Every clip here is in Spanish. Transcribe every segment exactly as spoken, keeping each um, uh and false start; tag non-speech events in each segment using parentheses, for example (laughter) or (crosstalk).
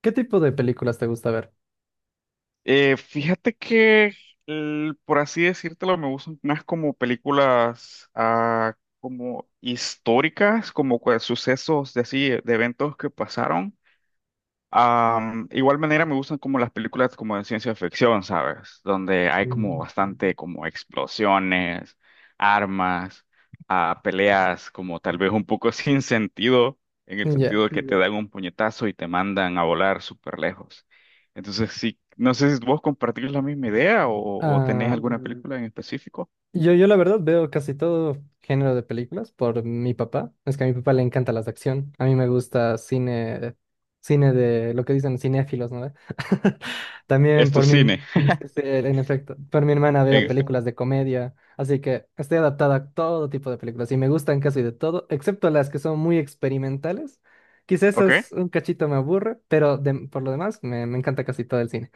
¿Qué tipo de películas te gusta ver? Eh, fíjate que, el- por así decírtelo, me gustan más como películas ah, como históricas, como cua- sucesos de así, de eventos que pasaron. Am, igual manera me gustan como las películas como de ciencia ficción, ¿sabes? Donde hay como Mm. bastante como explosiones, armas, ah, peleas como tal vez un poco (laughs) sin sentido, en el Ya. sentido de que te Sí. dan un puñetazo y te mandan a volar súper lejos. Entonces sí, no sé si vos compartís la misma idea o, o tenés Ah, alguna película en específico. yo, yo la verdad veo casi todo género de películas por mi papá. Es que a mi papá le encanta las de acción. A mí me gusta cine, cine de lo que dicen cinéfilos, ¿no? (laughs) También Esto por es mi, cine, es que sí, en efecto, por mi hermana veo en este. películas de comedia. Así que estoy adaptada a todo tipo de películas y me gustan casi de todo, excepto las que son muy experimentales. Quizás ¿Ok? esas un cachito me aburre, pero de- por lo demás me, me encanta casi todo el cine.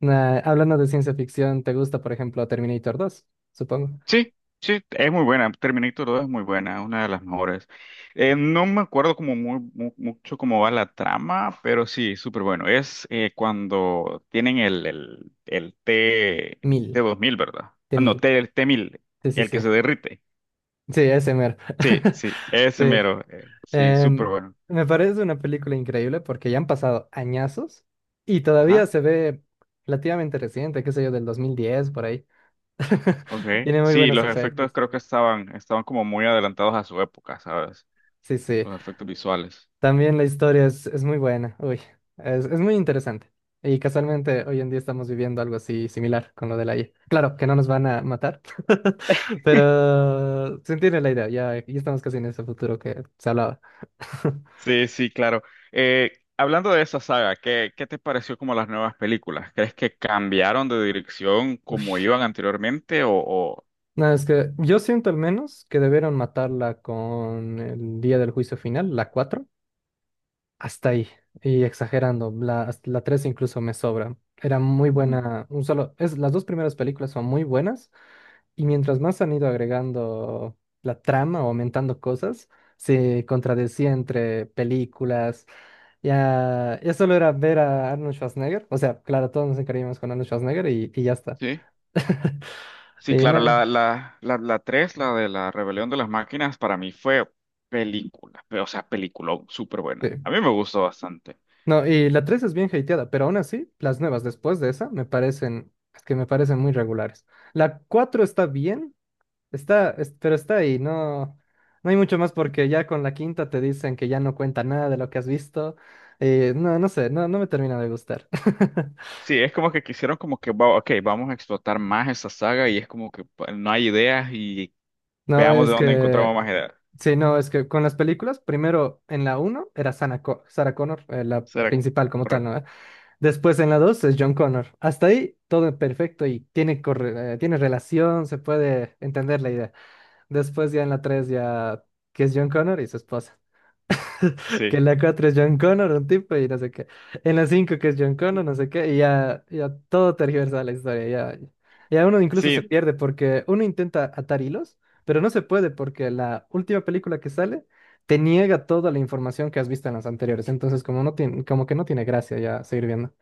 Nah, hablando de ciencia ficción, ¿te gusta, por ejemplo, Terminator dos? Supongo. Sí, sí, es muy buena. Terminator dos es muy buena, es una de las mejores. Eh, no me acuerdo como muy, mu- mucho cómo va la trama, pero sí, súper bueno. Es eh, cuando tienen el, el, el T, t Mil, mil, ¿verdad? de Ah, no, mil. T, el t mil, Sí, sí, el sí. que se derrite. Sí, ese mero. Sí, (laughs) sí, ese Sí. mero. eh, sí, súper Em, bueno. me parece una película increíble porque ya han pasado añazos y todavía Ajá, se ve relativamente reciente, qué sé yo, del dos mil diez, por ahí. (laughs) ok. Tiene muy Sí, buenos los efectos efectos. creo que estaban, estaban como muy adelantados a su época, ¿sabes? Sí, sí. Los efectos visuales. También la historia es, es muy buena, uy, es, es muy interesante. Y casualmente hoy en día estamos viviendo algo así similar con lo de la I A. Claro, que no nos van a matar, (laughs) pero se entiende la idea, ya, ya estamos casi en ese futuro que se hablaba. (laughs) Sí, sí, claro. Eh, hablando de esa saga, ¿qué, qué te pareció como las nuevas películas? ¿Crees que cambiaron de dirección Uy, como iban anteriormente o, o- no, es que yo siento al menos que debieron matarla con el día del juicio final, la cuatro hasta ahí, y exagerando, la, hasta la tres incluso me sobra. Era muy Ujú. buena, un solo, es, las dos primeras películas son muy buenas. Y mientras más han ido agregando la trama o aumentando cosas, se contradecía entre películas. Ya, ya solo era ver a Arnold Schwarzenegger. O sea, claro, todos nos encariñamos con Arnold Schwarzenegger y, y ya está. Sí, (laughs) sí, Y claro, no, la, la, la, la tres, la de la rebelión de las máquinas, para mí fue película, pero, o sea, peliculón, súper buena. A sí. mí me gustó bastante. No, y la tres es bien hateada, pero aún así, las nuevas después de esa me parecen, es que me parecen muy regulares. La cuatro está bien. Está, es- pero está ahí, no, no hay mucho más porque ya con la quinta te dicen que ya no cuenta nada de lo que has visto. Y no, no sé, no, no me termina de gustar. (laughs) Sí, es como que quisieron como que, va- ok, vamos a explotar más esa saga y es como que pa- no hay ideas y No, veamos de es dónde que, encontramos más ideas. sí, no, es que con las películas, primero en la uno era Sana Co- Sarah Connor, eh, la ¿Será que- principal como tal, correcto? ¿no? Después en la dos es John Connor. Hasta ahí todo perfecto y tiene, corre- eh, tiene relación, se puede entender la idea. Después ya en la tres ya que es John Connor y su esposa. Que Sí. en la cuatro es John Connor, un tipo, y no sé qué. En la cinco que es John Connor, no sé qué, y ya, ya todo tergiversa la historia. Ya, ya uno incluso se Sí, pierde porque uno intenta atar hilos, pero no se puede porque la última película que sale te niega toda la información que has visto en las anteriores. Entonces, como, no tiene, como que no tiene gracia ya seguir viendo.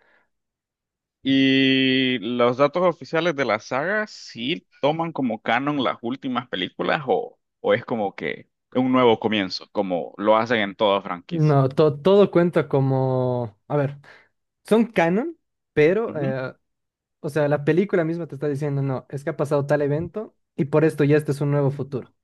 y los datos oficiales de la saga sí toman como canon las últimas películas o, o es como que un nuevo comienzo, como lo hacen en toda franquicia. No, to- todo cuenta como... A ver, son canon, pero, Ujú. eh, o sea, la película misma te está diciendo, no, es que ha pasado tal evento y por esto ya este es un nuevo futuro.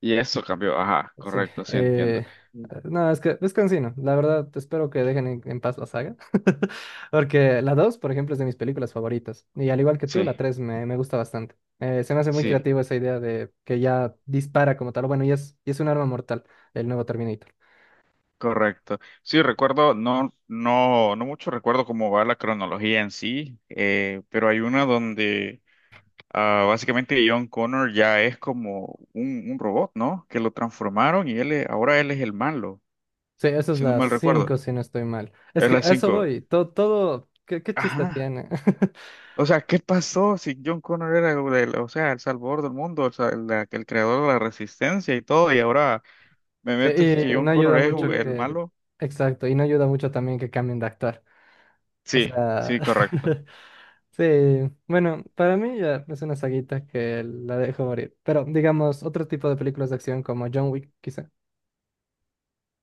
Y eso cambió, ajá, Sí. correcto, sí entiendo. Eh, Mm, no, es que es cansino. La verdad, espero que dejen en, en paz la saga. (laughs) Porque la dos por ejemplo, es de mis películas favoritas. Y al igual que sí, tú, la ok. tres me, me gusta bastante. Eh, se me hace muy Sí, creativa esa idea de que ya dispara como tal. Bueno, y es, y es un arma mortal, el nuevo Terminator. correcto. Sí, recuerdo, no, no, no mucho recuerdo cómo va la cronología en sí, eh, pero hay una donde ah, básicamente John Connor ya es como un, un robot, ¿no? Que lo transformaron y él es- ahora él es el malo. Sí, eso es Si no las mal recuerdo. cinco si no estoy mal. Es Es que las a eso cinco. voy. Todo, todo, ¿qué, qué chiste Ajá. tiene? (laughs) O sea, ¿qué pasó si John Connor era, el- o sea, el salvador del mundo, o sea, el, la- el creador de la resistencia y todo, y ahora me Sí, metes y que John no Connor ayuda es u- mucho el que... malo? Exacto, y no ayuda mucho también que cambien de actor. O Sí, sea... sí, correcto. (laughs) Sí, bueno, para mí ya es una saguita que la dejo morir. Pero digamos, otro tipo de películas de acción como John Wick, quizá.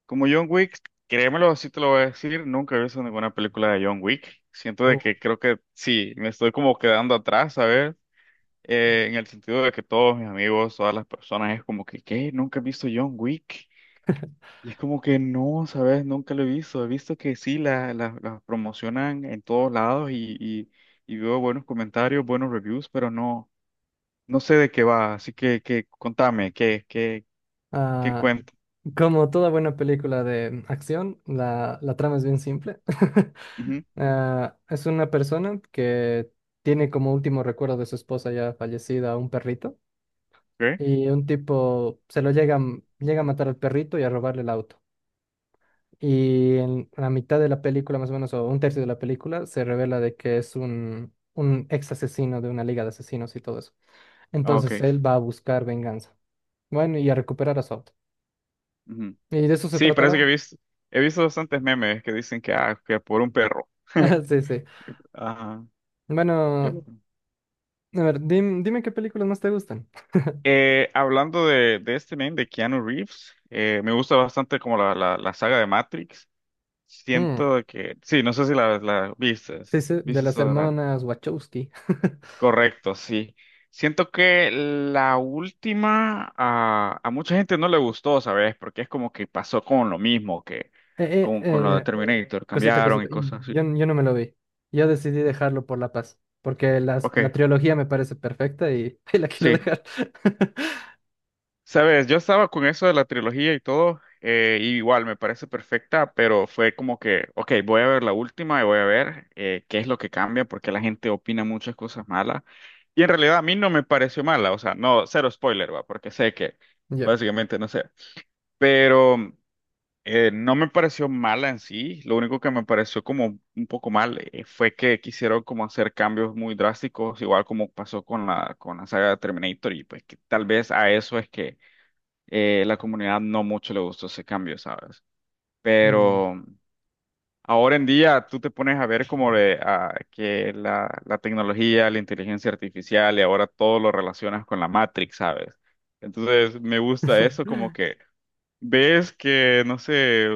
Como John Wick, créemelo, así te lo voy a decir, nunca he visto ninguna película de John Wick. Siento de Oh, que creo que sí, me estoy como quedando atrás, ¿sabes? Eh, en el sentido de que todos mis amigos, todas las personas, es como que, ¿qué? Nunca he visto John Wick. Y es como que no, ¿sabes? Nunca lo he visto. He visto que sí, las la, la- las promocionan en todos lados y, y, y veo buenos comentarios, buenos reviews, pero no, no sé de qué va. Así que, que contame, ¿qué, qué, qué ah, cuento como toda buena película de acción, la, la trama es bien simple. (laughs) Ujú, Ah, es una persona que tiene como último recuerdo de su esposa ya fallecida un perrito ¿qué? y un tipo se lo llega, a m- llega a matar al perrito y a robarle el auto. Y en la mitad de la película, más o menos, o un tercio de la película, se revela de que es un, un ex asesino de una liga de asesinos y todo eso. Ah, Entonces ok. él va a buscar venganza. Bueno, y a recuperar a su auto. Ujú. Y de eso se Sí, trata la... parece que he obra. visto, he visto bastantes memes que dicen que, ah, que por un perro. (laughs) (laughs) Sí, sí. Ajá. Que Bueno, a ver, dim- dime qué películas más te gustan. (laughs) Eh, hablando de, de este meme de Keanu Reeves, eh, me gusta bastante como la, la, la saga de Matrix. Mm, Siento que, sí, no sé si la, la viste, sí, sí, de viste las Solar. hermanas Wachowski. Correcto, sí. Siento que la última a, a mucha gente no le gustó, ¿sabes? Porque es como que pasó con lo mismo que (laughs) eh, con, con lo de eh, Terminator, Cosita, cambiaron y cosita. Y cosas así. yo, yo no me lo vi. Yo decidí dejarlo por La Paz, porque las- la Ok, trilogía me parece perfecta y, (laughs) ahí la quiero sí. dejar. (laughs) Sabes, yo estaba con eso de la trilogía y todo, eh, y igual me parece perfecta, pero fue como que, ok, voy a ver la última y voy a ver eh, qué es lo que cambia, porque la gente opina muchas cosas malas. Y en realidad a mí no me pareció mala, o sea, no, cero spoiler, va, porque sé que Yo. básicamente no sé, pero eh, no me pareció mala en sí, lo único que me pareció como un poco mal eh, fue que quisieron como hacer cambios muy drásticos, igual como pasó con la, con la saga de Terminator, y pues que tal vez a eso es que eh, la comunidad no mucho le gustó ese cambio, ¿sabes? Mm. Pero ahora en día tú te pones a ver como de, ah, que la, la tecnología, la inteligencia artificial y ahora todo lo relacionas con la Matrix, ¿sabes? Entonces me gusta eso (laughs) como que ves que, no sé,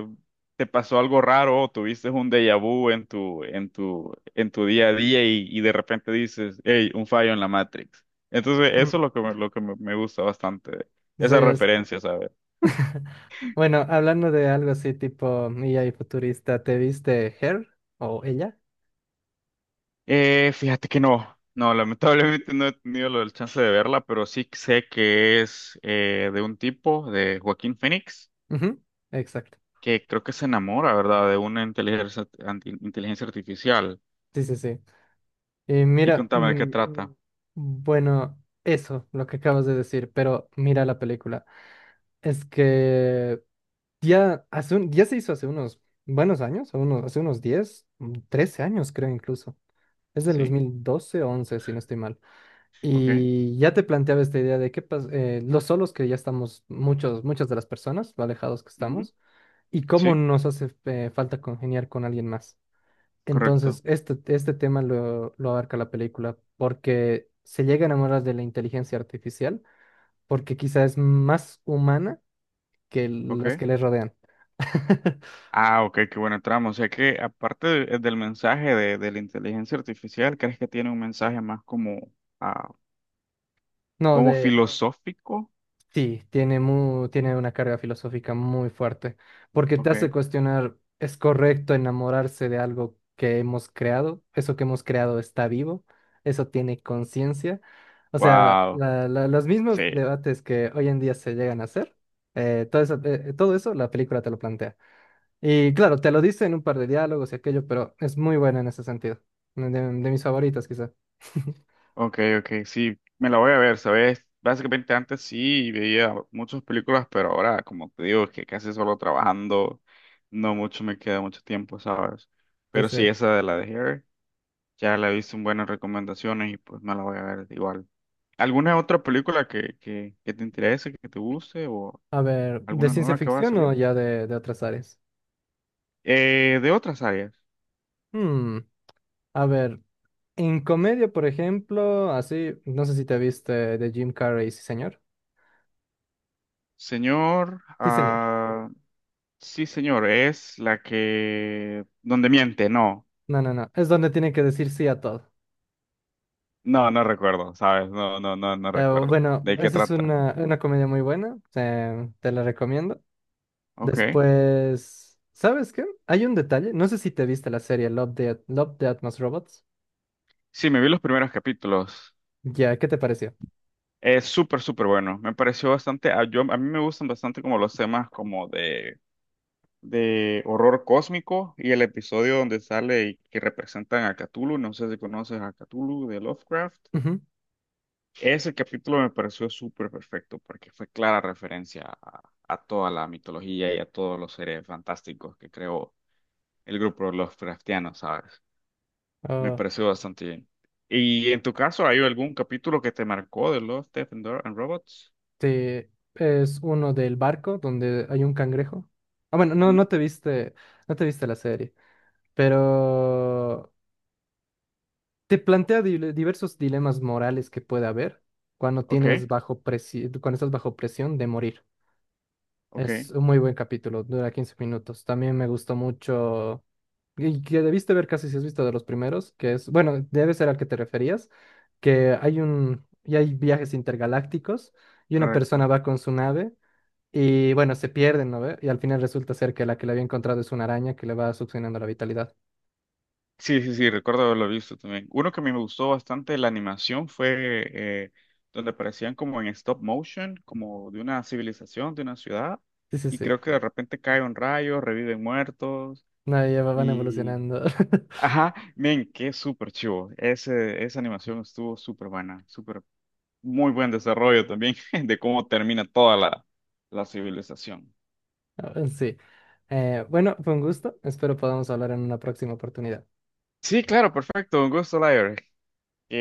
te pasó algo raro o tuviste un déjà vu en tu, en tu, en tu día a día y, y de repente dices, hey, un fallo en la Matrix. Entonces eso es Mm. lo que, me- lo que me me gusta bastante, Sí, esa es. referencia, ¿sabes? (laughs) Bueno, hablando de algo así tipo E I A y futurista, ¿te viste Her o ella? Eh, fíjate que no, no, lamentablemente no he tenido la chance de verla, pero sí sé que es eh, de un tipo, de Joaquín Phoenix, Ujú, exacto. que creo que se enamora, ¿verdad?, de una inteligencia, anti- inteligencia artificial. Sí, sí, sí. Y Y mira, contame de qué mm, trata. bueno, eso, lo que acabas de decir, pero mira la película. Es que ya, hace un- ya se hizo hace unos buenos años, unos, hace unos diez mm, trece años creo incluso. Es del ¿Sí? dos mil doce o once si no estoy mal. ¿Ok? Y ya te planteaba esta idea de qué pas- eh, los solos que ya estamos, muchos, muchas de las personas, lo alejados que Ujú. estamos, y cómo ¿Sí? nos hace eh, falta congeniar con alguien más. Entonces, Correcto. este, este tema lo, lo abarca la película, porque se llega a enamorar de la inteligencia artificial, porque quizá es más humana que ¿Ok? los que le rodean. (laughs) Ah, ok, qué buena trama. O sea que aparte de- del mensaje de, de la inteligencia artificial, ¿crees que tiene un mensaje más como, ah, No, como de filosófico? sí, tiene mu- tiene una carga filosófica muy fuerte, porque te hace Ok. cuestionar, ¿es correcto enamorarse de algo que hemos creado? ¿Eso que hemos creado está vivo? ¿Eso tiene conciencia? O sea, Wow. la- la- los mismos Sí. debates que hoy en día se llegan a hacer, eh, todo eso, eh, todo eso la película te lo plantea. Y claro, te lo dice en un par de diálogos y aquello, pero es muy buena en ese sentido, de, de mis favoritas quizá. (laughs) Ok, ok, sí, me la voy a ver, ¿sabes? Básicamente antes sí veía muchas películas, pero ahora, como te digo, es que casi solo trabajando, no mucho me queda mucho tiempo, ¿sabes? Pero sí, Entonces, esa de la de Hair, ya la he visto en buenas recomendaciones y pues me la voy a ver igual. ¿Alguna otra película que, que, que te interese, que te guste o a ver, ¿de alguna ciencia nueva que vaya a ficción o salir? ya de de otras áreas? Eh, de otras áreas. Hmm, a ver, en comedia, por ejemplo, así, no sé si te viste de Jim Carrey, sí, señor. Señor, Sí, señor. ah, sí, señor, es la que... donde miente, no. No, no, no. Es donde tiene que decir sí a todo. No, no recuerdo, ¿sabes? No, no, no, no Eh, recuerdo. bueno, ¿De qué esa es trata? una, una comedia muy buena. eh, te la recomiendo. Ok. Después, ¿sabes qué? Hay un detalle. No sé si te viste la serie Love, Death, Love, Death, Most Robots. Sí, me vi los primeros capítulos. Ya, ¿qué te pareció? Es súper, súper bueno. Me pareció bastante, a, yo, a mí me gustan bastante como los temas como de, de horror cósmico y el episodio donde sale y que representan a Cthulhu. No sé si conoces a Cthulhu de Lovecraft. Ujú. Ese capítulo me pareció súper perfecto porque fue clara referencia a, a toda la mitología y a todos los seres fantásticos que creó el grupo Lovecraftiano, ¿sabes? Me Ah, pareció bastante bien. ¿Y en tu caso, hay algún capítulo que te marcó de Love, Death and Dor- and Robots? te- es uno del barco donde hay un cangrejo. Ah, bueno, no, Ujú. no te viste, no te viste la serie. Pero te plantea dile- diversos dilemas morales que puede haber cuando Ok, tienes bajo presi- cuando estás bajo presión de morir. ok, Es un muy buen capítulo, dura quince minutos. También me gustó mucho y que debiste ver casi si has visto de los primeros, que es, bueno, debe ser al que te referías, que hay un y hay viajes intergalácticos y una persona correcto. va con su nave y bueno, se pierden, ¿no ve? Y al final resulta ser que la que le había encontrado es una araña que le va succionando la vitalidad. Sí, sí, sí, recuerdo haberlo visto también. Uno que a mí me gustó bastante la animación fue eh, donde aparecían como en stop motion, como de una civilización, de una ciudad, Sí, sí, y sí. creo que de repente cae un rayo, reviven muertos, No, ya van y... evolucionando. (laughs) Ajá, men, qué súper chivo. Ese, esa animación estuvo súper buena, súper muy buen desarrollo también (laughs) de cómo termina toda la, la civilización. Sí. Eh, bueno, fue un gusto. Espero podamos hablar en una próxima oportunidad. Sí, claro, perfecto. Un gusto, Lyra.